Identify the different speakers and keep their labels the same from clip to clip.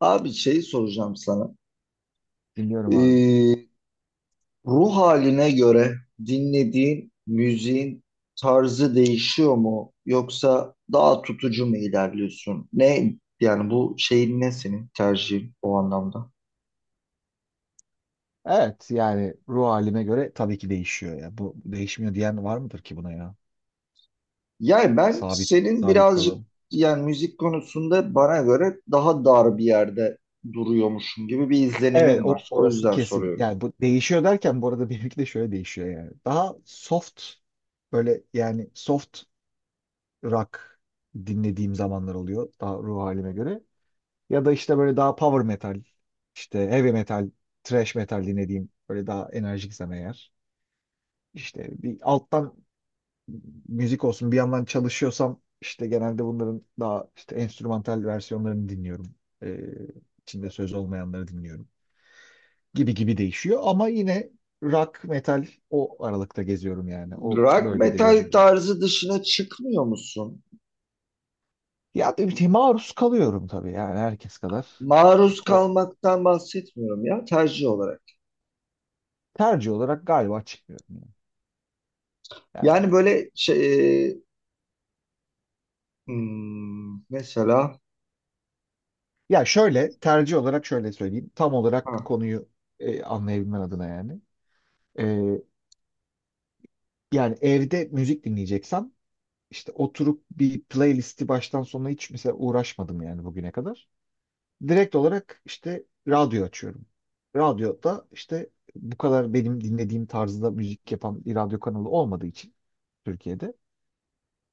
Speaker 1: Abi şeyi soracağım sana.
Speaker 2: Dinliyorum abi.
Speaker 1: Ee, Ruh haline göre dinlediğin müziğin tarzı değişiyor mu? Yoksa daha tutucu mu ilerliyorsun? Yani bu şeyin ne senin tercihin o anlamda?
Speaker 2: Evet yani ruh halime göre tabii ki değişiyor ya. Bu değişmiyor diyen var mıdır ki buna ya?
Speaker 1: Yani ben
Speaker 2: Sabit,
Speaker 1: senin
Speaker 2: sabit
Speaker 1: birazcık
Speaker 2: kalalım.
Speaker 1: yani müzik konusunda bana göre daha dar bir yerde duruyormuşum gibi bir
Speaker 2: Evet,
Speaker 1: izlenimim
Speaker 2: o
Speaker 1: var. O
Speaker 2: orası
Speaker 1: yüzden
Speaker 2: kesin.
Speaker 1: soruyorum.
Speaker 2: Yani bu değişiyor derken bu arada benimki de şöyle değişiyor yani. Daha soft böyle yani soft rock dinlediğim zamanlar oluyor daha ruh halime göre. Ya da işte böyle daha power metal, işte heavy metal, thrash metal dinlediğim böyle daha enerjiksem eğer. İşte bir alttan müzik olsun bir yandan çalışıyorsam işte genelde bunların daha işte enstrümantal versiyonlarını dinliyorum. Ee, içinde söz olmayanları dinliyorum. Gibi gibi değişiyor ama yine rock, metal o aralıkta geziyorum yani. O
Speaker 1: Rock
Speaker 2: bölgede
Speaker 1: metal
Speaker 2: geziyorum.
Speaker 1: tarzı dışına çıkmıyor musun?
Speaker 2: Ya tabii ki maruz kalıyorum tabii yani herkes kadar.
Speaker 1: Maruz
Speaker 2: O
Speaker 1: kalmaktan bahsetmiyorum ya, tercih olarak.
Speaker 2: tercih olarak galiba çıkmıyorum yani.
Speaker 1: Yani
Speaker 2: Yani
Speaker 1: böyle şey mesela.
Speaker 2: ya şöyle tercih olarak şöyle söyleyeyim. Tam olarak
Speaker 1: Ha,
Speaker 2: konuyu anlayabilmen adına yani. Ee, yani evde müzik dinleyeceksem İşte oturup bir playlisti baştan sona hiç mesela uğraşmadım yani bugüne kadar. Direkt olarak işte radyo açıyorum. Radyoda işte bu kadar benim dinlediğim tarzda müzik yapan bir radyo kanalı olmadığı için Türkiye'de.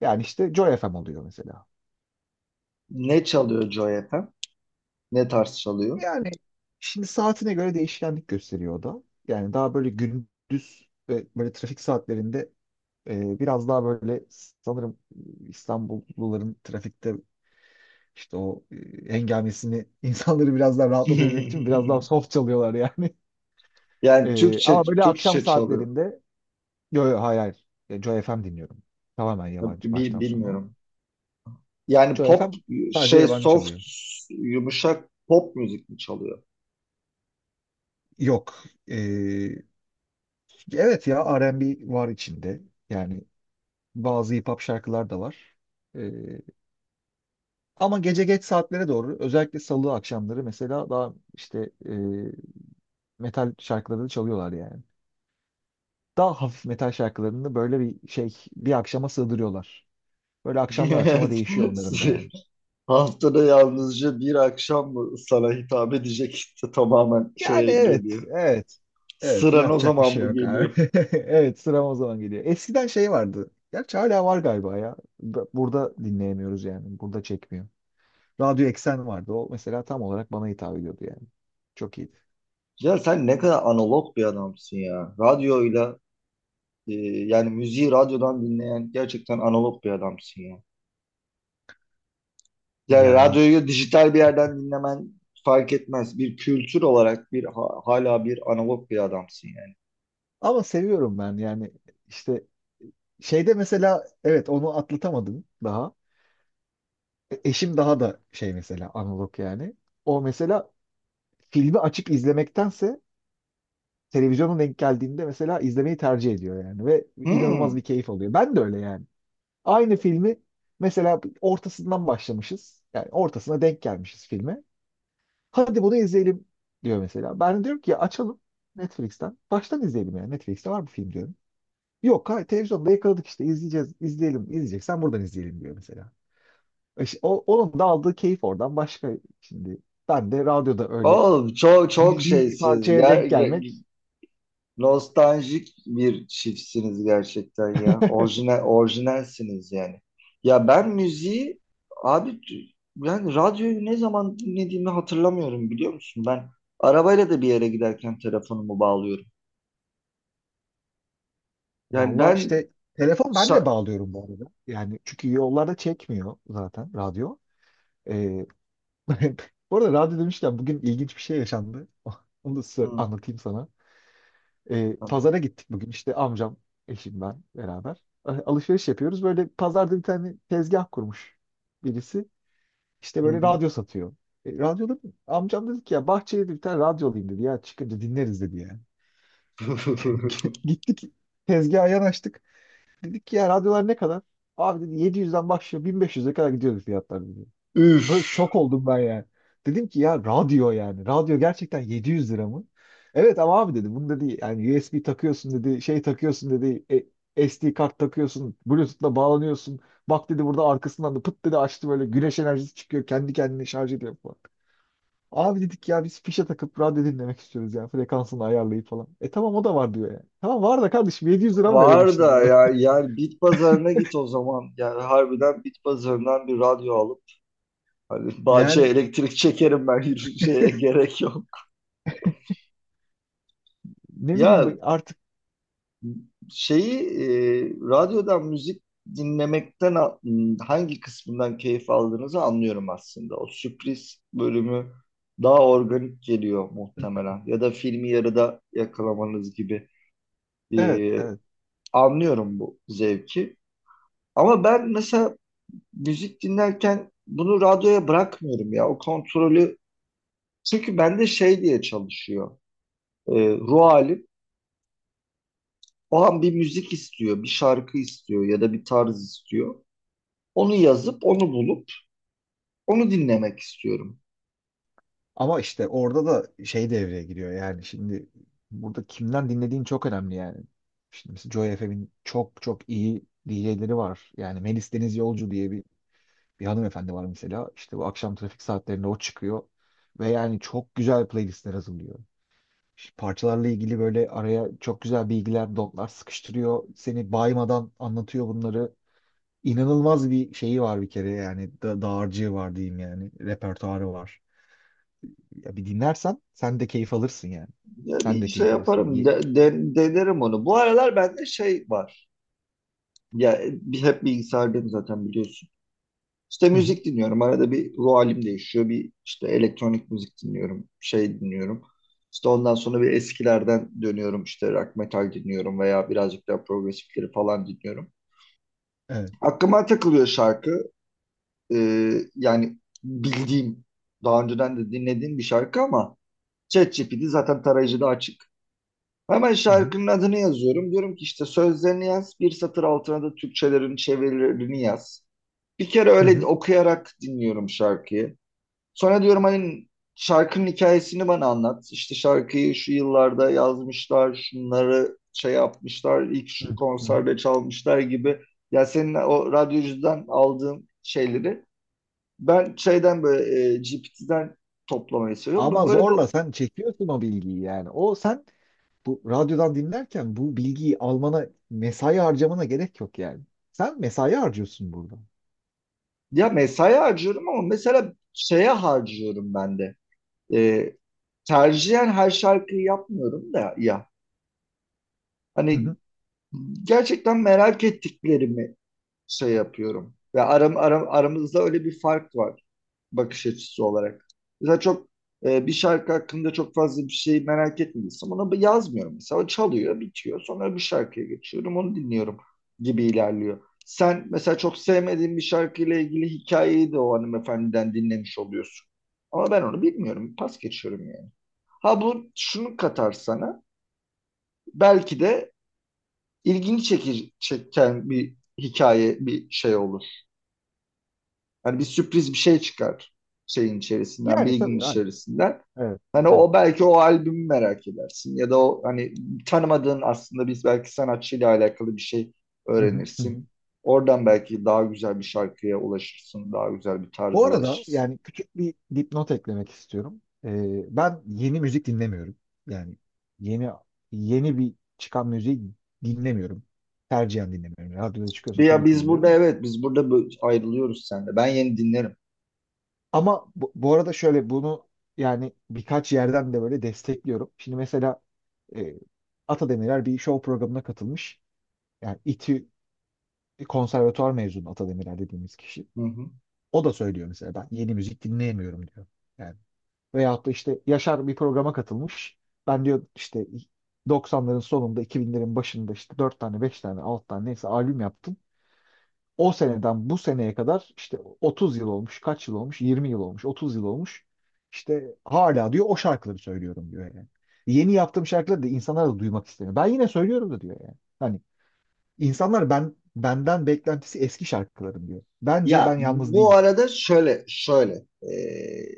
Speaker 2: Yani işte Joy FM oluyor mesela.
Speaker 1: ne çalıyor Joy FM? Ne tarz çalıyor?
Speaker 2: Yani şimdi saatine göre değişkenlik gösteriyor o da. Yani daha böyle gündüz ve böyle trafik saatlerinde biraz daha böyle sanırım İstanbulluların trafikte İşte o hengamesini insanları biraz daha rahatlatabilmek için biraz daha soft çalıyorlar yani.
Speaker 1: Yani
Speaker 2: E,
Speaker 1: Türkçe
Speaker 2: ama böyle akşam
Speaker 1: Türkçe çalıyor.
Speaker 2: saatlerinde yo yo, hayır hayır. Joy FM dinliyorum. Tamamen yabancı baştan sona.
Speaker 1: Bilmiyorum. Yani
Speaker 2: Joy
Speaker 1: pop,
Speaker 2: FM sadece
Speaker 1: şey,
Speaker 2: yabancı
Speaker 1: soft,
Speaker 2: çalıyor.
Speaker 1: yumuşak pop müzik mi çalıyor?
Speaker 2: Yok. E, evet ya, R&B var içinde. Yani bazı hip hop şarkılar da var. E, ama gece geç saatlere doğru özellikle salı akşamları mesela daha işte metal şarkıları da çalıyorlar yani. Daha hafif metal şarkılarını böyle bir şey bir akşama sığdırıyorlar. Böyle akşamdan akşama değişiyor onların da yani.
Speaker 1: Haftada yalnızca bir akşam mı sana hitap edecek işte tamamen
Speaker 2: Yani
Speaker 1: şeye
Speaker 2: evet,
Speaker 1: geliyor.
Speaker 2: evet. Evet,
Speaker 1: Sıran o
Speaker 2: yapacak bir
Speaker 1: zaman
Speaker 2: şey
Speaker 1: mı
Speaker 2: yok abi.
Speaker 1: geliyor?
Speaker 2: Evet, sıram o zaman geliyor. Eskiden şey vardı. Gerçi hala var galiba ya. Burada dinleyemiyoruz yani. Burada çekmiyor. Radyo Eksen vardı. O mesela tam olarak bana hitap ediyordu yani. Çok iyiydi.
Speaker 1: Ya sen ne kadar analog bir adamsın ya. Radyoyla e, yani müziği radyodan dinleyen gerçekten analog bir adamsın ya. Yani
Speaker 2: Yani
Speaker 1: radyoyu dijital bir yerden dinlemen fark etmez. Bir kültür olarak hala bir analog bir adamsın yani.
Speaker 2: ama seviyorum ben yani işte şeyde mesela evet onu atlatamadım daha. Eşim daha da şey mesela analog yani. O mesela filmi açıp izlemektense televizyonun denk geldiğinde mesela izlemeyi tercih ediyor yani ve inanılmaz
Speaker 1: Hmm.
Speaker 2: bir keyif alıyor. Ben de öyle yani. Aynı filmi mesela ortasından başlamışız. Yani ortasına denk gelmişiz filme. Hadi bunu izleyelim diyor mesela. Ben diyorum ki açalım Netflix'ten. Baştan izleyelim yani. Netflix'te var bu film diyorum. Yok hayır, televizyonda yakaladık işte izleyeceğiz, izleyelim, izleyeceksen buradan izleyelim diyor mesela. İşte onun da aldığı keyif oradan başka şimdi. Ben de radyoda öyle
Speaker 1: Oğlum çok
Speaker 2: bildiğim bir
Speaker 1: şeysiz.
Speaker 2: parçaya
Speaker 1: Ya,
Speaker 2: denk gelmek.
Speaker 1: nostaljik bir çiftsiniz gerçekten ya. Orijinal, orijinalsiniz yani. Ya ben müziği abi, ben radyoyu ne zaman dinlediğimi hatırlamıyorum biliyor musun? Ben arabayla da bir yere giderken telefonumu bağlıyorum. Yani
Speaker 2: Valla
Speaker 1: ben
Speaker 2: işte telefon ben de
Speaker 1: şa-
Speaker 2: bağlıyorum bu arada. Yani çünkü yollarda çekmiyor zaten radyo. Ee, Bu arada radyo demişken bugün ilginç bir şey yaşandı. Onu da size
Speaker 1: hı,
Speaker 2: anlatayım sana. Ee,
Speaker 1: tamam.
Speaker 2: pazara gittik bugün işte amcam, eşim ben beraber. Alışveriş yapıyoruz. Böyle pazarda bir tane tezgah kurmuş birisi. İşte
Speaker 1: Hı
Speaker 2: böyle
Speaker 1: hı.
Speaker 2: radyo satıyor. Radyoda amcam dedi ki ya bahçeye dedi bir tane radyo alayım dedi ya çıkınca dinleriz dedi yani. Gittik tezgaha yanaştık. Dedik ki ya radyolar ne kadar? Abi dedi 700'den başlıyor 1500'e kadar gidiyordu fiyatlar dedi. Böyle
Speaker 1: Üf,
Speaker 2: şok oldum ben yani. Dedim ki ya radyo yani. Radyo gerçekten 700 lira mı? Evet ama abi dedi bunu dedi yani USB takıyorsun dedi şey takıyorsun dedi SD kart takıyorsun, Bluetooth'la bağlanıyorsun. Bak dedi burada arkasından da pıt dedi açtı böyle güneş enerjisi çıkıyor kendi kendine şarj ediyor falan. Abi dedik ya biz fişe takıp radyo dinlemek istiyoruz yani frekansını ayarlayıp falan. E tamam o da var diyor yani. Tamam var da kardeşim, 700 lira mı verelim
Speaker 1: var
Speaker 2: şimdi
Speaker 1: da
Speaker 2: buna?
Speaker 1: ya, yani bit pazarına git o zaman. Yani harbiden bit pazarından bir radyo alıp hani bahçeye
Speaker 2: Yani
Speaker 1: elektrik çekerim ben, yürüyüşe gerek yok.
Speaker 2: ne bileyim
Speaker 1: Ya
Speaker 2: artık
Speaker 1: şeyi, radyodan müzik dinlemekten a- hangi kısmından keyif aldığınızı anlıyorum aslında. O sürpriz bölümü daha organik geliyor muhtemelen. Ya da filmi yarıda yakalamanız gibi. E,
Speaker 2: evet, evet.
Speaker 1: Anlıyorum bu zevki. Ama ben mesela müzik dinlerken bunu radyoya bırakmıyorum ya. O kontrolü, çünkü bende şey diye çalışıyor. E, Ruh halim. O an bir müzik istiyor, bir şarkı istiyor ya da bir tarz istiyor. Onu yazıp onu bulup onu dinlemek istiyorum.
Speaker 2: Ama işte orada da şey devreye giriyor yani şimdi burada kimden dinlediğin çok önemli yani. Şimdi mesela Joy FM'in çok çok iyi DJ'leri var. Yani Melis Deniz Yolcu diye bir hanımefendi var mesela. İşte bu akşam trafik saatlerinde o çıkıyor. Ve yani çok güzel playlistler hazırlıyor. Şu parçalarla ilgili böyle araya çok güzel bilgiler, dotlar sıkıştırıyor. Seni baymadan anlatıyor bunları. İnanılmaz bir şeyi var bir kere yani da dağarcığı var diyeyim yani. Repertuarı var. Ya bir dinlersen sen de keyif alırsın yani.
Speaker 1: Ya
Speaker 2: Sen
Speaker 1: bir
Speaker 2: de
Speaker 1: şey
Speaker 2: keyif alırsın.
Speaker 1: yaparım, denerim onu. Bu aralar bende şey var. Ya bir, hep bilgisayardayım zaten biliyorsun. İşte
Speaker 2: Hı hı.
Speaker 1: müzik dinliyorum. Arada bir ruh halim değişiyor. Bir işte elektronik müzik dinliyorum. Şey dinliyorum. İşte ondan sonra bir eskilerden dönüyorum. İşte rock metal dinliyorum veya birazcık daha progresifleri falan dinliyorum.
Speaker 2: Evet.
Speaker 1: Aklıma takılıyor şarkı. Yani bildiğim, daha önceden de dinlediğim bir şarkı ama ChatGPT zaten tarayıcıda açık. Hemen
Speaker 2: Hı hı.
Speaker 1: şarkının adını yazıyorum. Diyorum ki işte sözlerini yaz. Bir satır altına da Türkçelerin çevirilerini yaz. Bir kere
Speaker 2: Hı
Speaker 1: öyle
Speaker 2: hı.
Speaker 1: okuyarak dinliyorum şarkıyı. Sonra diyorum hani şarkının hikayesini bana anlat. İşte şarkıyı şu yıllarda yazmışlar, şunları şey yapmışlar, ilk şu
Speaker 2: Hı hı. Hı hı.
Speaker 1: konserde çalmışlar gibi. Ya senin o radyocudan aldığın şeyleri ben şeyden böyle GPT'den toplamayı seviyorum.
Speaker 2: Ama
Speaker 1: Böyle
Speaker 2: zorla
Speaker 1: bu,
Speaker 2: sen çekiyorsun o bilgiyi yani. O sen bu radyodan dinlerken bu bilgiyi almana, mesai harcamana gerek yok yani. Sen mesai harcıyorsun burada.
Speaker 1: ya mesai harcıyorum ama mesela şeye harcıyorum ben de. Ee, Tercihen her şarkıyı yapmıyorum da ya.
Speaker 2: Hı
Speaker 1: Hani
Speaker 2: hı.
Speaker 1: gerçekten merak ettiklerimi şey yapıyorum. Ve aram, aram, aramızda öyle bir fark var bakış açısı olarak. Mesela çok bir şarkı hakkında çok fazla bir şey merak etmiyorsam ona yazmıyorum mesela. O çalıyor, bitiyor. Sonra bu şarkıya geçiyorum, onu dinliyorum gibi ilerliyor. Sen mesela çok sevmediğin bir şarkıyla ilgili hikayeyi de o hanımefendiden dinlemiş oluyorsun. Ama ben onu bilmiyorum. Pas geçiyorum yani. Ha, bu şunu katar sana. Belki de ilgini çeken bir hikaye, bir şey olur. Hani bir sürpriz bir şey çıkar şeyin içerisinden,
Speaker 2: Yani
Speaker 1: bilginin
Speaker 2: tabii. Hayır.
Speaker 1: içerisinden.
Speaker 2: Evet.
Speaker 1: Hani
Speaker 2: Evet.
Speaker 1: o belki o albümü merak edersin ya da o hani tanımadığın aslında biz belki sanatçıyla alakalı bir şey
Speaker 2: Hı hı, hı hı.
Speaker 1: öğrenirsin. Oradan belki daha güzel bir şarkıya ulaşırsın, daha güzel bir
Speaker 2: Bu
Speaker 1: tarza
Speaker 2: arada
Speaker 1: ulaşırsın.
Speaker 2: yani küçük bir dipnot eklemek istiyorum. Ben yeni müzik dinlemiyorum. Yani yeni yeni bir çıkan müziği dinlemiyorum. Tercihen dinlemiyorum. Radyoda çıkıyorsa
Speaker 1: Ya
Speaker 2: tabii ki
Speaker 1: biz burada
Speaker 2: dinliyorum da.
Speaker 1: evet, biz burada ayrılıyoruz seninle. Ben yeni dinlerim.
Speaker 2: Ama bu arada şöyle bunu yani birkaç yerden de böyle destekliyorum. Şimdi mesela e, Atademirer bir show programına katılmış. Yani İTÜ konservatuvar mezunu Atademirer dediğimiz kişi.
Speaker 1: Hı hı.
Speaker 2: O da söylüyor mesela ben yeni müzik dinleyemiyorum diyor. Yani, veyahut da işte Yaşar bir programa katılmış. Ben diyor işte 90'ların sonunda 2000'lerin başında işte 4 tane 5 tane 6 tane neyse albüm yaptım. O seneden bu seneye kadar işte 30 yıl olmuş, kaç yıl olmuş, 20 yıl olmuş, 30 yıl olmuş. İşte hala diyor o şarkıları söylüyorum diyor yani. Yeni yaptığım şarkıları da insanlar da duymak istemiyor. Ben yine söylüyorum da diyor yani. Hani insanlar ben benden beklentisi eski şarkılarım diyor. Bence ben
Speaker 1: Ya
Speaker 2: yalnız
Speaker 1: bu
Speaker 2: değilim.
Speaker 1: arada şöyle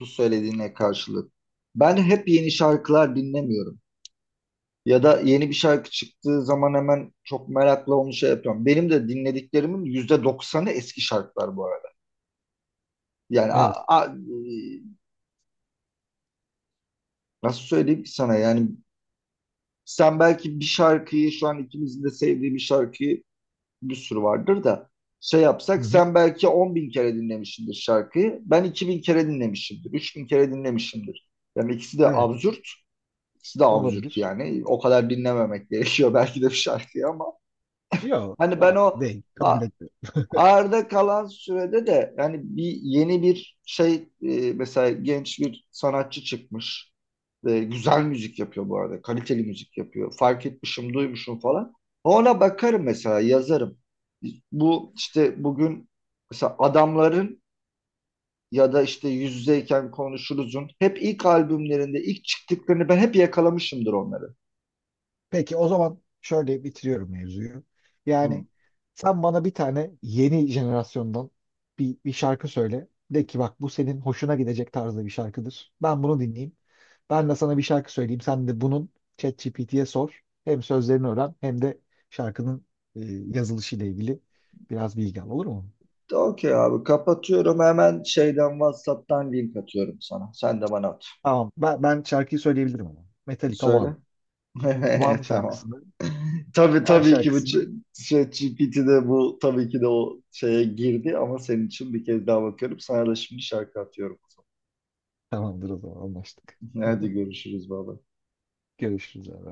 Speaker 1: bu söylediğine karşılık ben hep yeni şarkılar dinlemiyorum. Ya da yeni bir şarkı çıktığı zaman hemen çok merakla onu şey yapıyorum. Benim de dinlediklerimin %90'ı eski şarkılar bu arada. Yani
Speaker 2: Evet.
Speaker 1: nasıl söyleyeyim ki sana, yani sen belki bir şarkıyı, şu an ikimizin de sevdiği bir şarkıyı, bir sürü vardır da şey
Speaker 2: Hı
Speaker 1: yapsak,
Speaker 2: hı.
Speaker 1: sen belki 10 bin kere dinlemişsindir şarkıyı. Ben 2000 kere dinlemişimdir. 3000 kere dinlemişimdir. Yani ikisi de
Speaker 2: Evet.
Speaker 1: absürt. İkisi de absürt
Speaker 2: Olabilir.
Speaker 1: yani. O kadar dinlememek gerekiyor belki de bir şarkıyı ama
Speaker 2: Yok,
Speaker 1: hani ben
Speaker 2: hayır,
Speaker 1: o
Speaker 2: değil. Kabul et.
Speaker 1: arda kalan sürede de yani bir yeni bir şey, mesela genç bir sanatçı çıkmış. E, güzel müzik yapıyor bu arada. Kaliteli müzik yapıyor. Fark etmişim, duymuşum falan. Ona bakarım mesela, yazarım. Bu işte bugün mesela adamların ya da işte yüz yüzeyken konuşuruzun hep ilk albümlerinde ilk çıktıklarını ben hep yakalamışımdır onları.
Speaker 2: Peki o zaman şöyle bitiriyorum mevzuyu.
Speaker 1: Hı.
Speaker 2: Yani sen bana bir tane yeni jenerasyondan bir şarkı söyle. De ki bak, bu senin hoşuna gidecek tarzda bir şarkıdır. Ben bunu dinleyeyim. Ben de sana bir şarkı söyleyeyim. Sen de bunun ChatGPT'ye sor. Hem sözlerini öğren hem de şarkının e, yazılışıyla ilgili biraz bilgi al. Olur mu?
Speaker 1: De okey abi, kapatıyorum, hemen şeyden WhatsApp'tan link atıyorum sana. Sen de bana at.
Speaker 2: Tamam. Ben şarkıyı söyleyebilirim ama. Metallica One.
Speaker 1: Söyle.
Speaker 2: One
Speaker 1: Evet, tamam.
Speaker 2: şarkısını.
Speaker 1: Tabii
Speaker 2: One
Speaker 1: tabii ki bu
Speaker 2: şarkısının
Speaker 1: şey GPT'de bu tabii ki de o şeye girdi ama senin için bir kez daha bakıyorum. Sana da şimdi şarkı atıyorum.
Speaker 2: tamamdır o zaman anlaştık.
Speaker 1: Hadi görüşürüz baba.
Speaker 2: Görüşürüz abi.